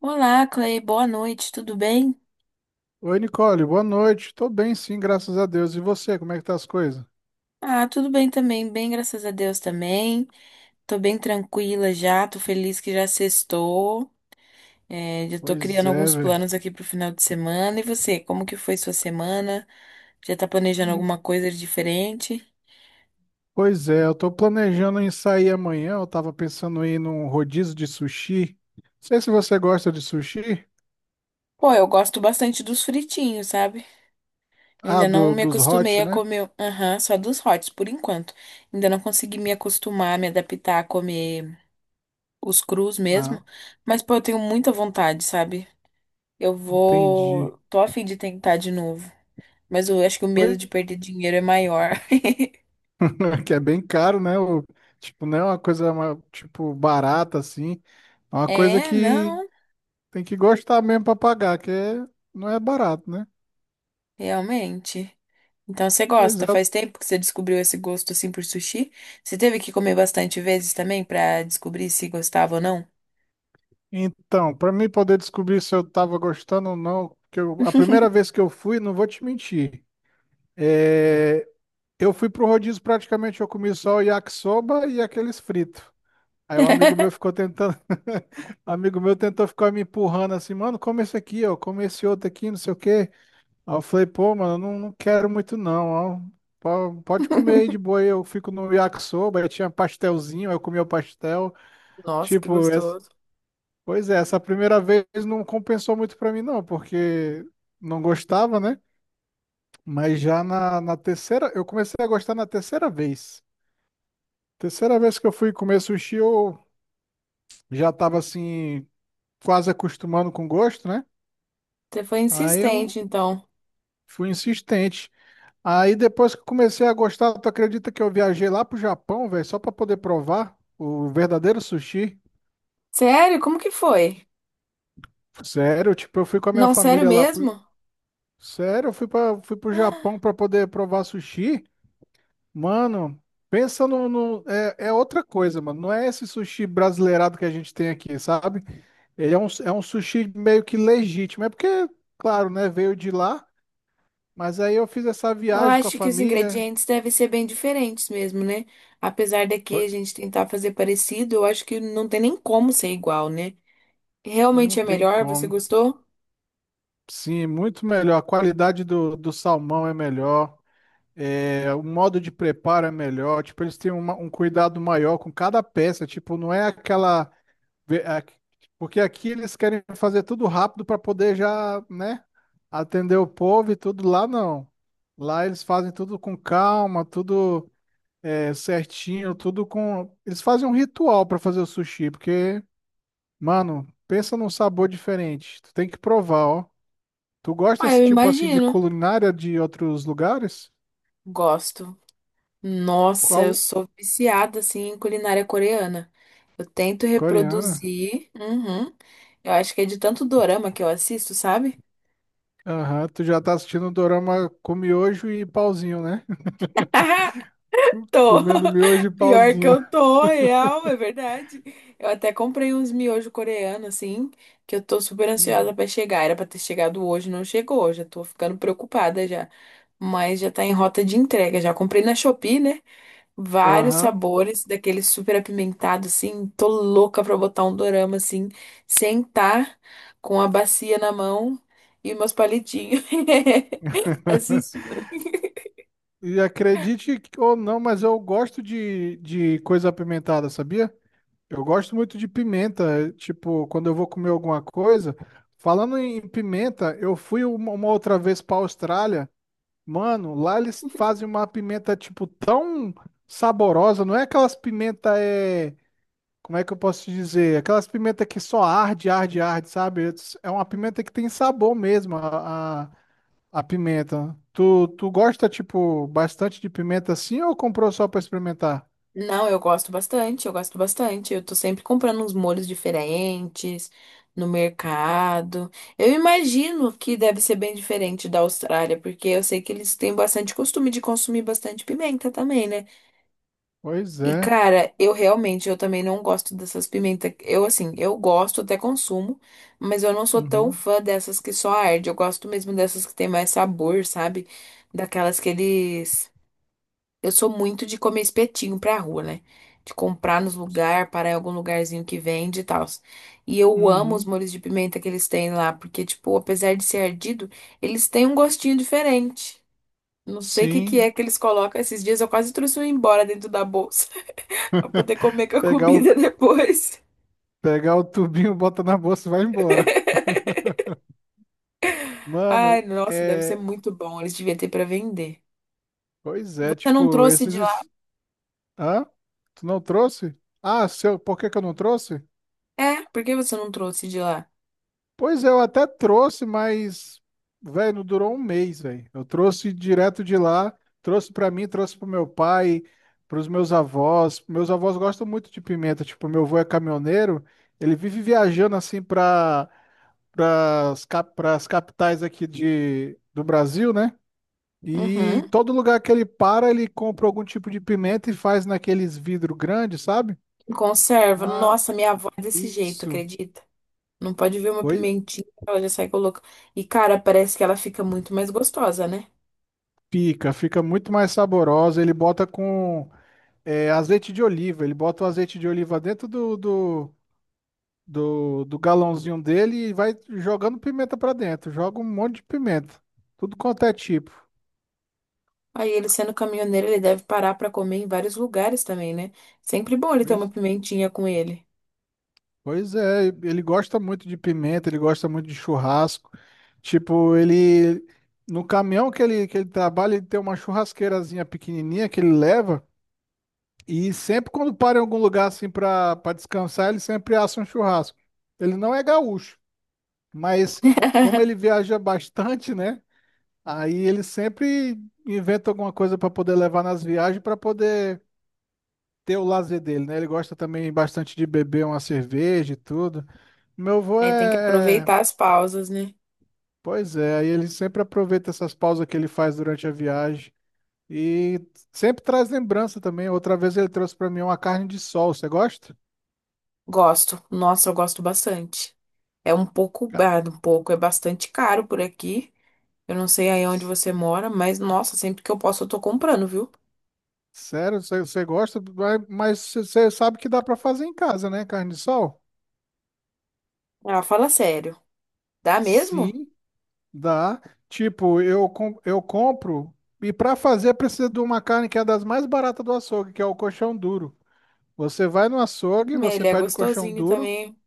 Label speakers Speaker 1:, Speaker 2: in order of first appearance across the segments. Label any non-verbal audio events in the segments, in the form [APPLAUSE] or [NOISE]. Speaker 1: Olá, Clay, boa noite, tudo bem?
Speaker 2: Oi, Nicole, boa noite. Tô bem, sim, graças a Deus. E você, como é que tá as coisas?
Speaker 1: Ah, tudo bem também, bem, graças a Deus também. Tô bem tranquila já, tô feliz que já sextou. É, já tô
Speaker 2: Pois
Speaker 1: criando
Speaker 2: é,
Speaker 1: alguns
Speaker 2: velho.
Speaker 1: planos aqui pro final de semana. E você, como que foi sua semana? Já tá planejando alguma coisa de diferente?
Speaker 2: Pois é, eu tô planejando em sair amanhã. Eu tava pensando em ir num rodízio de sushi. Não sei se você gosta de sushi.
Speaker 1: Pô, eu gosto bastante dos fritinhos, sabe? Eu
Speaker 2: Ah,
Speaker 1: ainda não me
Speaker 2: dos
Speaker 1: acostumei
Speaker 2: hot,
Speaker 1: a
Speaker 2: né?
Speaker 1: comer, aham, só dos hots por enquanto. Ainda não consegui me acostumar, me adaptar a comer os crus
Speaker 2: Ah,
Speaker 1: mesmo. Mas, pô, eu tenho muita vontade, sabe? Eu
Speaker 2: entendi.
Speaker 1: vou. Tô a fim de tentar de novo. Mas eu acho que o medo
Speaker 2: Pois,
Speaker 1: de perder dinheiro é maior. [LAUGHS]
Speaker 2: [LAUGHS] que é bem caro, né? Tipo, não é uma coisa, tipo, barata, assim. É uma coisa
Speaker 1: É,
Speaker 2: que
Speaker 1: não,
Speaker 2: tem que gostar mesmo pra pagar, não é barato, né?
Speaker 1: realmente. Então você
Speaker 2: Pois é,
Speaker 1: gosta? Faz tempo que você descobriu esse gosto assim por sushi? Você teve que comer bastante vezes também pra descobrir se gostava ou não?
Speaker 2: então, para mim poder descobrir se eu tava gostando ou não, a primeira vez que eu fui, não vou te mentir, é, eu fui pro rodízio praticamente, eu comi só o yakisoba e aqueles fritos. Aí um amigo meu ficou
Speaker 1: [LAUGHS]
Speaker 2: tentando, [LAUGHS] um amigo meu tentou ficar me empurrando assim, mano, come esse aqui, ó, come esse outro aqui, não sei o quê. Aí eu falei, pô, mano, não, não quero muito não, ó. Pode comer aí de boa, aí eu fico no yakisoba, aí tinha pastelzinho, aí eu comi o pastel.
Speaker 1: Nossa, que
Speaker 2: Tipo,
Speaker 1: gostoso.
Speaker 2: pois é, essa primeira vez não compensou muito pra mim, não, porque não gostava, né? Mas já na terceira, eu comecei a gostar na terceira vez. Terceira vez que eu fui comer sushi, eu já tava assim, quase acostumando com o gosto, né?
Speaker 1: Você foi
Speaker 2: Aí eu
Speaker 1: insistente, então.
Speaker 2: fui insistente. Aí depois que eu comecei a gostar, tu acredita que eu viajei lá pro Japão, velho, só pra poder provar o verdadeiro sushi?
Speaker 1: Sério? Como que foi?
Speaker 2: Sério, tipo, eu fui com a minha
Speaker 1: Não, sério
Speaker 2: família lá pro...
Speaker 1: mesmo?
Speaker 2: Sério, eu fui pro Japão pra poder provar sushi. Mano, pensa é outra coisa, mano. Não é esse sushi brasileirado que a gente tem aqui, sabe? Ele é um sushi meio que legítimo. É porque, claro, né? Veio de lá, mas aí eu fiz essa
Speaker 1: Eu
Speaker 2: viagem com a
Speaker 1: acho que os
Speaker 2: família.
Speaker 1: ingredientes devem ser bem diferentes mesmo, né? Apesar
Speaker 2: Pô,
Speaker 1: daqui a gente tentar fazer parecido, eu acho que não tem nem como ser igual, né?
Speaker 2: não
Speaker 1: Realmente é
Speaker 2: tem
Speaker 1: melhor? Você
Speaker 2: como.
Speaker 1: gostou?
Speaker 2: Sim, muito melhor. A qualidade do salmão é melhor. É, o modo de preparo é melhor. Tipo, eles têm um cuidado maior com cada peça. Tipo, não é aquela. Vê, porque aqui eles querem fazer tudo rápido para poder já, né, atender o povo e tudo. Lá não. Lá eles fazem tudo com calma, tudo certinho, tudo com. Eles fazem um ritual para fazer o sushi, porque, mano, pensa num sabor diferente. Tu tem que provar, ó. Tu gosta
Speaker 1: Ah,
Speaker 2: desse
Speaker 1: eu
Speaker 2: tipo assim de
Speaker 1: imagino.
Speaker 2: culinária de outros lugares?
Speaker 1: Gosto. Nossa, eu
Speaker 2: Qual?
Speaker 1: sou viciada assim em culinária coreana. Eu tento
Speaker 2: Coreana?
Speaker 1: reproduzir. Uhum. Eu acho que é de tanto dorama que eu assisto, sabe?
Speaker 2: Aham, tu já tá assistindo o dorama com miojo e pauzinho, né? [LAUGHS]
Speaker 1: [LAUGHS] Tô.
Speaker 2: Comendo miojo e
Speaker 1: [LAUGHS] Pior que
Speaker 2: pauzinho.
Speaker 1: eu tô, real, é verdade. Eu até comprei uns miojo coreano, assim, que eu tô super ansiosa
Speaker 2: [LAUGHS]
Speaker 1: pra chegar. Era pra ter chegado hoje, não chegou. Já tô ficando preocupada já. Mas já tá em rota de entrega. Já comprei na Shopee, né? Vários
Speaker 2: Aham.
Speaker 1: sabores, daquele super apimentado, assim. Tô louca pra botar um dorama, assim, sentar com a bacia na mão e meus palitinhos. [LAUGHS]
Speaker 2: [LAUGHS]
Speaker 1: Assistindo.
Speaker 2: E acredite ou não, mas eu gosto de coisa apimentada, sabia? Eu gosto muito de pimenta. Tipo, quando eu vou comer alguma coisa. Falando em pimenta, eu fui uma outra vez pra Austrália. Mano, lá eles fazem uma pimenta, tipo, tão saborosa. Não é aquelas pimenta. Como é que eu posso te dizer? Aquelas pimenta que só arde, arde, arde, sabe? É uma pimenta que tem sabor mesmo. A pimenta. Tu gosta, tipo, bastante de pimenta assim ou comprou só pra experimentar?
Speaker 1: Não, eu gosto bastante, eu gosto bastante. Eu tô sempre comprando uns molhos diferentes no mercado. Eu imagino que deve ser bem diferente da Austrália, porque eu sei que eles têm bastante costume de consumir bastante pimenta também, né?
Speaker 2: Pois
Speaker 1: E
Speaker 2: é.
Speaker 1: cara, eu realmente, eu também não gosto dessas pimentas. Eu assim, eu gosto, até consumo, mas eu não sou tão
Speaker 2: Uhum.
Speaker 1: fã dessas que só arde. Eu gosto mesmo dessas que tem mais sabor, sabe? Daquelas que eles eu sou muito de comer espetinho pra rua, né? De comprar nos lugares, parar em algum lugarzinho que vende e tal. E eu amo os
Speaker 2: Uhum.
Speaker 1: molhos de pimenta que eles têm lá, porque, tipo, apesar de ser ardido, eles têm um gostinho diferente. Não sei o que que
Speaker 2: Sim.
Speaker 1: é que eles colocam esses dias. Eu quase trouxe um embora dentro da bolsa [LAUGHS] pra poder comer com a
Speaker 2: Pegar
Speaker 1: comida [LAUGHS]
Speaker 2: o,
Speaker 1: depois.
Speaker 2: pegar o tubinho, bota na bolsa e vai embora. Mano,
Speaker 1: Ai, nossa, deve ser
Speaker 2: é.
Speaker 1: muito bom. Eles deviam ter pra vender.
Speaker 2: Pois é,
Speaker 1: Você não
Speaker 2: tipo,
Speaker 1: trouxe de lá?
Speaker 2: esses. Hã? Tu não trouxe? Ah, seu, por que que eu não trouxe?
Speaker 1: É, por que você não trouxe de lá?
Speaker 2: Pois é, eu até trouxe, mas, velho, não durou um mês, velho. Eu trouxe direto de lá, trouxe pra mim, trouxe pro meu pai, pros meus avós. Meus avós gostam muito de pimenta, tipo, meu avô é caminhoneiro, ele vive viajando assim pras capitais aqui do Brasil, né? E
Speaker 1: Uhum.
Speaker 2: todo lugar que ele para, ele compra algum tipo de pimenta e faz naqueles vidro grandes, sabe?
Speaker 1: Conserva.
Speaker 2: Ah,
Speaker 1: Nossa, minha avó é desse jeito,
Speaker 2: isso.
Speaker 1: acredita? Não pode ver uma
Speaker 2: Pois
Speaker 1: pimentinha, ela já sai colocando. E, cara, parece que ela fica muito mais gostosa, né?
Speaker 2: fica muito mais saborosa. Ele bota com É azeite de oliva. Ele bota o azeite de oliva dentro do galãozinho dele e vai jogando pimenta pra dentro. Joga um monte de pimenta. Tudo quanto é tipo.
Speaker 1: Aí ele sendo caminhoneiro, ele deve parar pra comer em vários lugares também, né? Sempre bom ele ter uma
Speaker 2: Pois,
Speaker 1: pimentinha com ele.
Speaker 2: pois é, ele gosta muito de pimenta, ele gosta muito de churrasco. Tipo, ele. No caminhão que ele trabalha, ele tem uma churrasqueirazinha pequenininha que ele leva. E sempre quando para em algum lugar assim pra descansar, ele sempre assa um churrasco. Ele não é gaúcho, mas como ele
Speaker 1: [LAUGHS]
Speaker 2: viaja bastante, né? Aí ele sempre inventa alguma coisa para poder levar nas viagens para poder ter o lazer dele, né? Ele gosta também bastante de beber uma cerveja e tudo. Meu avô
Speaker 1: Aí tem que
Speaker 2: é, é-
Speaker 1: aproveitar as pausas, né?
Speaker 2: Pois é, aí ele sempre aproveita essas pausas que ele faz durante a viagem e sempre traz lembrança também. Outra vez ele trouxe para mim uma carne de sol. Você gosta?
Speaker 1: Gosto. Nossa, eu gosto bastante. É um pouco,
Speaker 2: Ca-
Speaker 1: ah, um pouco, é bastante caro por aqui. Eu não sei aí onde você mora, mas nossa, sempre que eu posso eu tô comprando, viu?
Speaker 2: Sério, você gosta? Mas você sabe que dá para fazer em casa, né? Carne de sol?
Speaker 1: Ah, fala sério. Dá mesmo?
Speaker 2: Sim. Dá. Tipo, eu compro e para fazer precisa de uma carne que é das mais baratas do açougue, que é o coxão duro. Você vai no açougue, você
Speaker 1: Ele é
Speaker 2: pede o coxão
Speaker 1: gostosinho
Speaker 2: duro,
Speaker 1: também.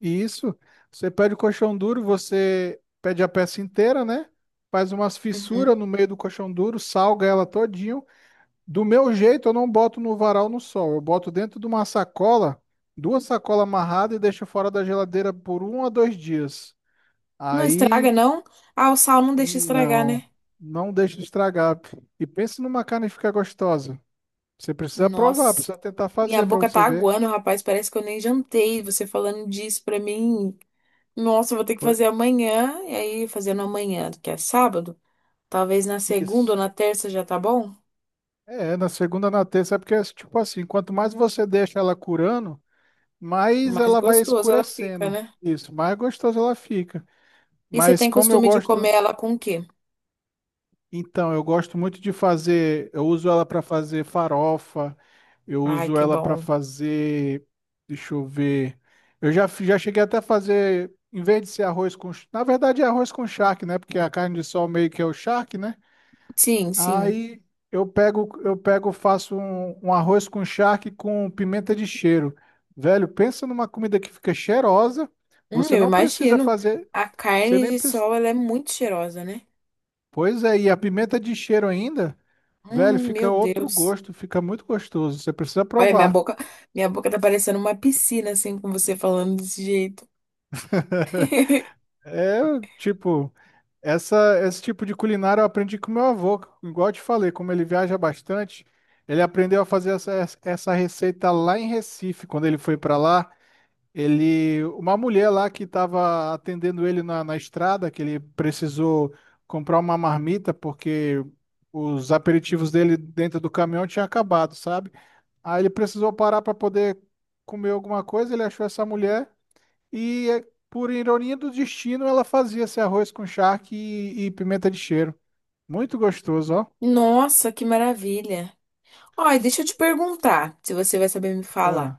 Speaker 2: e isso, você pede o coxão duro, você pede a peça inteira, né? Faz umas
Speaker 1: Uhum.
Speaker 2: fissuras no meio do coxão duro, salga ela todinho. Do meu jeito, eu não boto no varal no sol, eu boto dentro de uma sacola, duas sacolas amarradas e deixo fora da geladeira por um a dois dias.
Speaker 1: Não
Speaker 2: Aí
Speaker 1: estraga, não? Ah, o sal não deixa estragar,
Speaker 2: Não,
Speaker 1: né?
Speaker 2: não deixe de estragar. E pense numa carne que fica gostosa. Você precisa provar,
Speaker 1: Nossa,
Speaker 2: precisa tentar
Speaker 1: minha
Speaker 2: fazer para
Speaker 1: boca
Speaker 2: você
Speaker 1: tá
Speaker 2: ver.
Speaker 1: aguando, rapaz. Parece que eu nem jantei. Você falando disso pra mim. Nossa, eu vou ter que
Speaker 2: Oi?
Speaker 1: fazer amanhã. E aí, fazendo amanhã, que é sábado. Talvez na segunda
Speaker 2: Isso.
Speaker 1: ou na terça já tá bom?
Speaker 2: É, na segunda, na terça, é porque, tipo assim, quanto mais você deixa ela curando, mais
Speaker 1: Mais
Speaker 2: ela vai
Speaker 1: gostoso ela fica,
Speaker 2: escurecendo.
Speaker 1: né?
Speaker 2: Isso, mais gostosa ela fica.
Speaker 1: E você
Speaker 2: Mas
Speaker 1: tem
Speaker 2: como eu
Speaker 1: costume de comer
Speaker 2: gosto.
Speaker 1: ela com o quê?
Speaker 2: Então, eu gosto muito de fazer, eu uso ela para fazer farofa, eu
Speaker 1: Ai,
Speaker 2: uso
Speaker 1: que
Speaker 2: ela para
Speaker 1: bom.
Speaker 2: fazer, deixa eu ver. Eu já já cheguei até a fazer, em vez de ser arroz com, na verdade é arroz com charque, né? Porque a carne de sol meio que é o charque, né?
Speaker 1: Sim, sim.
Speaker 2: Aí eu pego, faço um arroz com charque com pimenta de cheiro. Velho, pensa numa comida que fica cheirosa. Você
Speaker 1: Eu
Speaker 2: não precisa
Speaker 1: imagino.
Speaker 2: fazer,
Speaker 1: A
Speaker 2: você
Speaker 1: carne
Speaker 2: nem
Speaker 1: de
Speaker 2: pre-
Speaker 1: sol, ela é muito cheirosa, né?
Speaker 2: Pois é, e a pimenta de cheiro ainda, velho, fica
Speaker 1: Meu
Speaker 2: outro
Speaker 1: Deus.
Speaker 2: gosto, fica muito gostoso. Você precisa
Speaker 1: Olha,
Speaker 2: provar.
Speaker 1: minha boca tá parecendo uma piscina, assim, com você falando desse jeito.
Speaker 2: [LAUGHS]
Speaker 1: [LAUGHS]
Speaker 2: É, tipo, esse tipo de culinária eu aprendi com meu avô, igual eu te falei, como ele viaja bastante, ele aprendeu a fazer essa receita lá em Recife, quando ele foi para lá, uma mulher lá que estava atendendo ele na estrada, que ele precisou comprar uma marmita porque os aperitivos dele dentro do caminhão tinham acabado, sabe? Aí ele precisou parar para poder comer alguma coisa, ele achou essa mulher e, por ironia do destino, ela fazia esse arroz com charque e pimenta de cheiro. Muito gostoso, ó.
Speaker 1: Nossa, que maravilha. Olha, deixa eu te perguntar, se você vai saber me falar.
Speaker 2: Ah,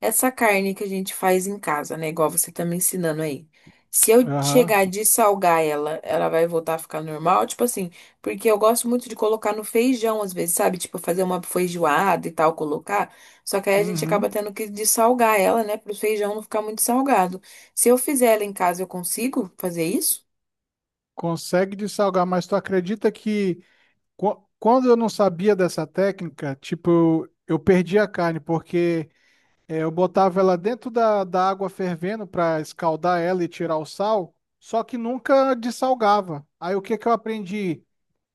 Speaker 1: Essa carne que a gente faz em casa, né? Igual você tá me ensinando aí. Se eu
Speaker 2: aham.
Speaker 1: chegar de salgar ela, ela vai voltar a ficar normal? Tipo assim, porque eu gosto muito de colocar no feijão às vezes, sabe? Tipo, fazer uma feijoada e tal, colocar. Só que aí a gente acaba
Speaker 2: Uhum.
Speaker 1: tendo que dessalgar ela, né? Para o feijão não ficar muito salgado. Se eu fizer ela em casa, eu consigo fazer isso?
Speaker 2: Consegue dessalgar, mas tu acredita que quando eu não sabia dessa técnica, tipo, eu perdi a carne, porque eu botava ela dentro da água fervendo para escaldar ela e tirar o sal, só que nunca dessalgava. Aí o que que eu aprendi?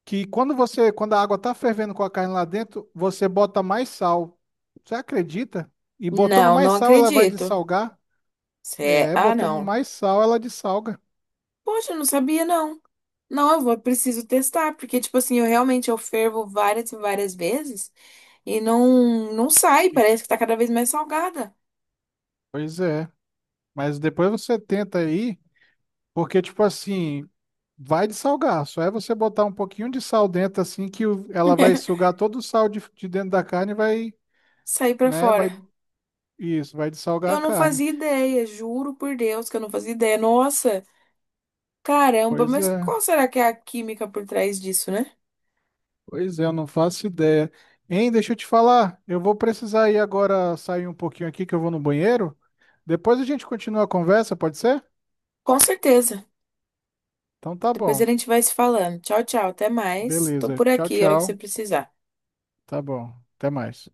Speaker 2: Que quando quando a água tá fervendo com a carne lá dentro, você bota mais sal. Você acredita? E botando
Speaker 1: Não,
Speaker 2: mais
Speaker 1: não
Speaker 2: sal, ela vai
Speaker 1: acredito.
Speaker 2: dessalgar?
Speaker 1: Cé-
Speaker 2: É,
Speaker 1: Ah,
Speaker 2: botando
Speaker 1: não.
Speaker 2: mais sal, ela dessalga.
Speaker 1: Poxa, eu não sabia, não. Não, eu vou, preciso testar, porque, tipo assim, eu realmente eu fervo várias vezes e não, não sai,
Speaker 2: E-
Speaker 1: parece que tá cada vez mais salgada.
Speaker 2: Pois é. Mas depois você tenta aí, porque, tipo assim, vai dessalgar. Só é você botar um pouquinho de sal dentro, assim, ela vai
Speaker 1: [LAUGHS]
Speaker 2: sugar todo o sal de dentro da carne e vai,
Speaker 1: Sair pra
Speaker 2: né,
Speaker 1: fora.
Speaker 2: vai dessalgar
Speaker 1: Eu
Speaker 2: a
Speaker 1: não
Speaker 2: carne.
Speaker 1: fazia ideia, juro por Deus que eu não fazia ideia. Nossa, caramba,
Speaker 2: Pois
Speaker 1: mas
Speaker 2: é.
Speaker 1: qual será que é a química por trás disso, né?
Speaker 2: Pois é, eu não faço ideia. Hein, deixa eu te falar, eu vou precisar ir agora sair um pouquinho aqui que eu vou no banheiro. Depois a gente continua a conversa, pode ser?
Speaker 1: Com certeza.
Speaker 2: Então tá
Speaker 1: Depois a
Speaker 2: bom.
Speaker 1: gente vai se falando. Tchau, tchau, até mais. Tô
Speaker 2: Beleza.
Speaker 1: por
Speaker 2: Tchau,
Speaker 1: aqui, a hora que você
Speaker 2: tchau.
Speaker 1: precisar.
Speaker 2: Tá bom. Até mais.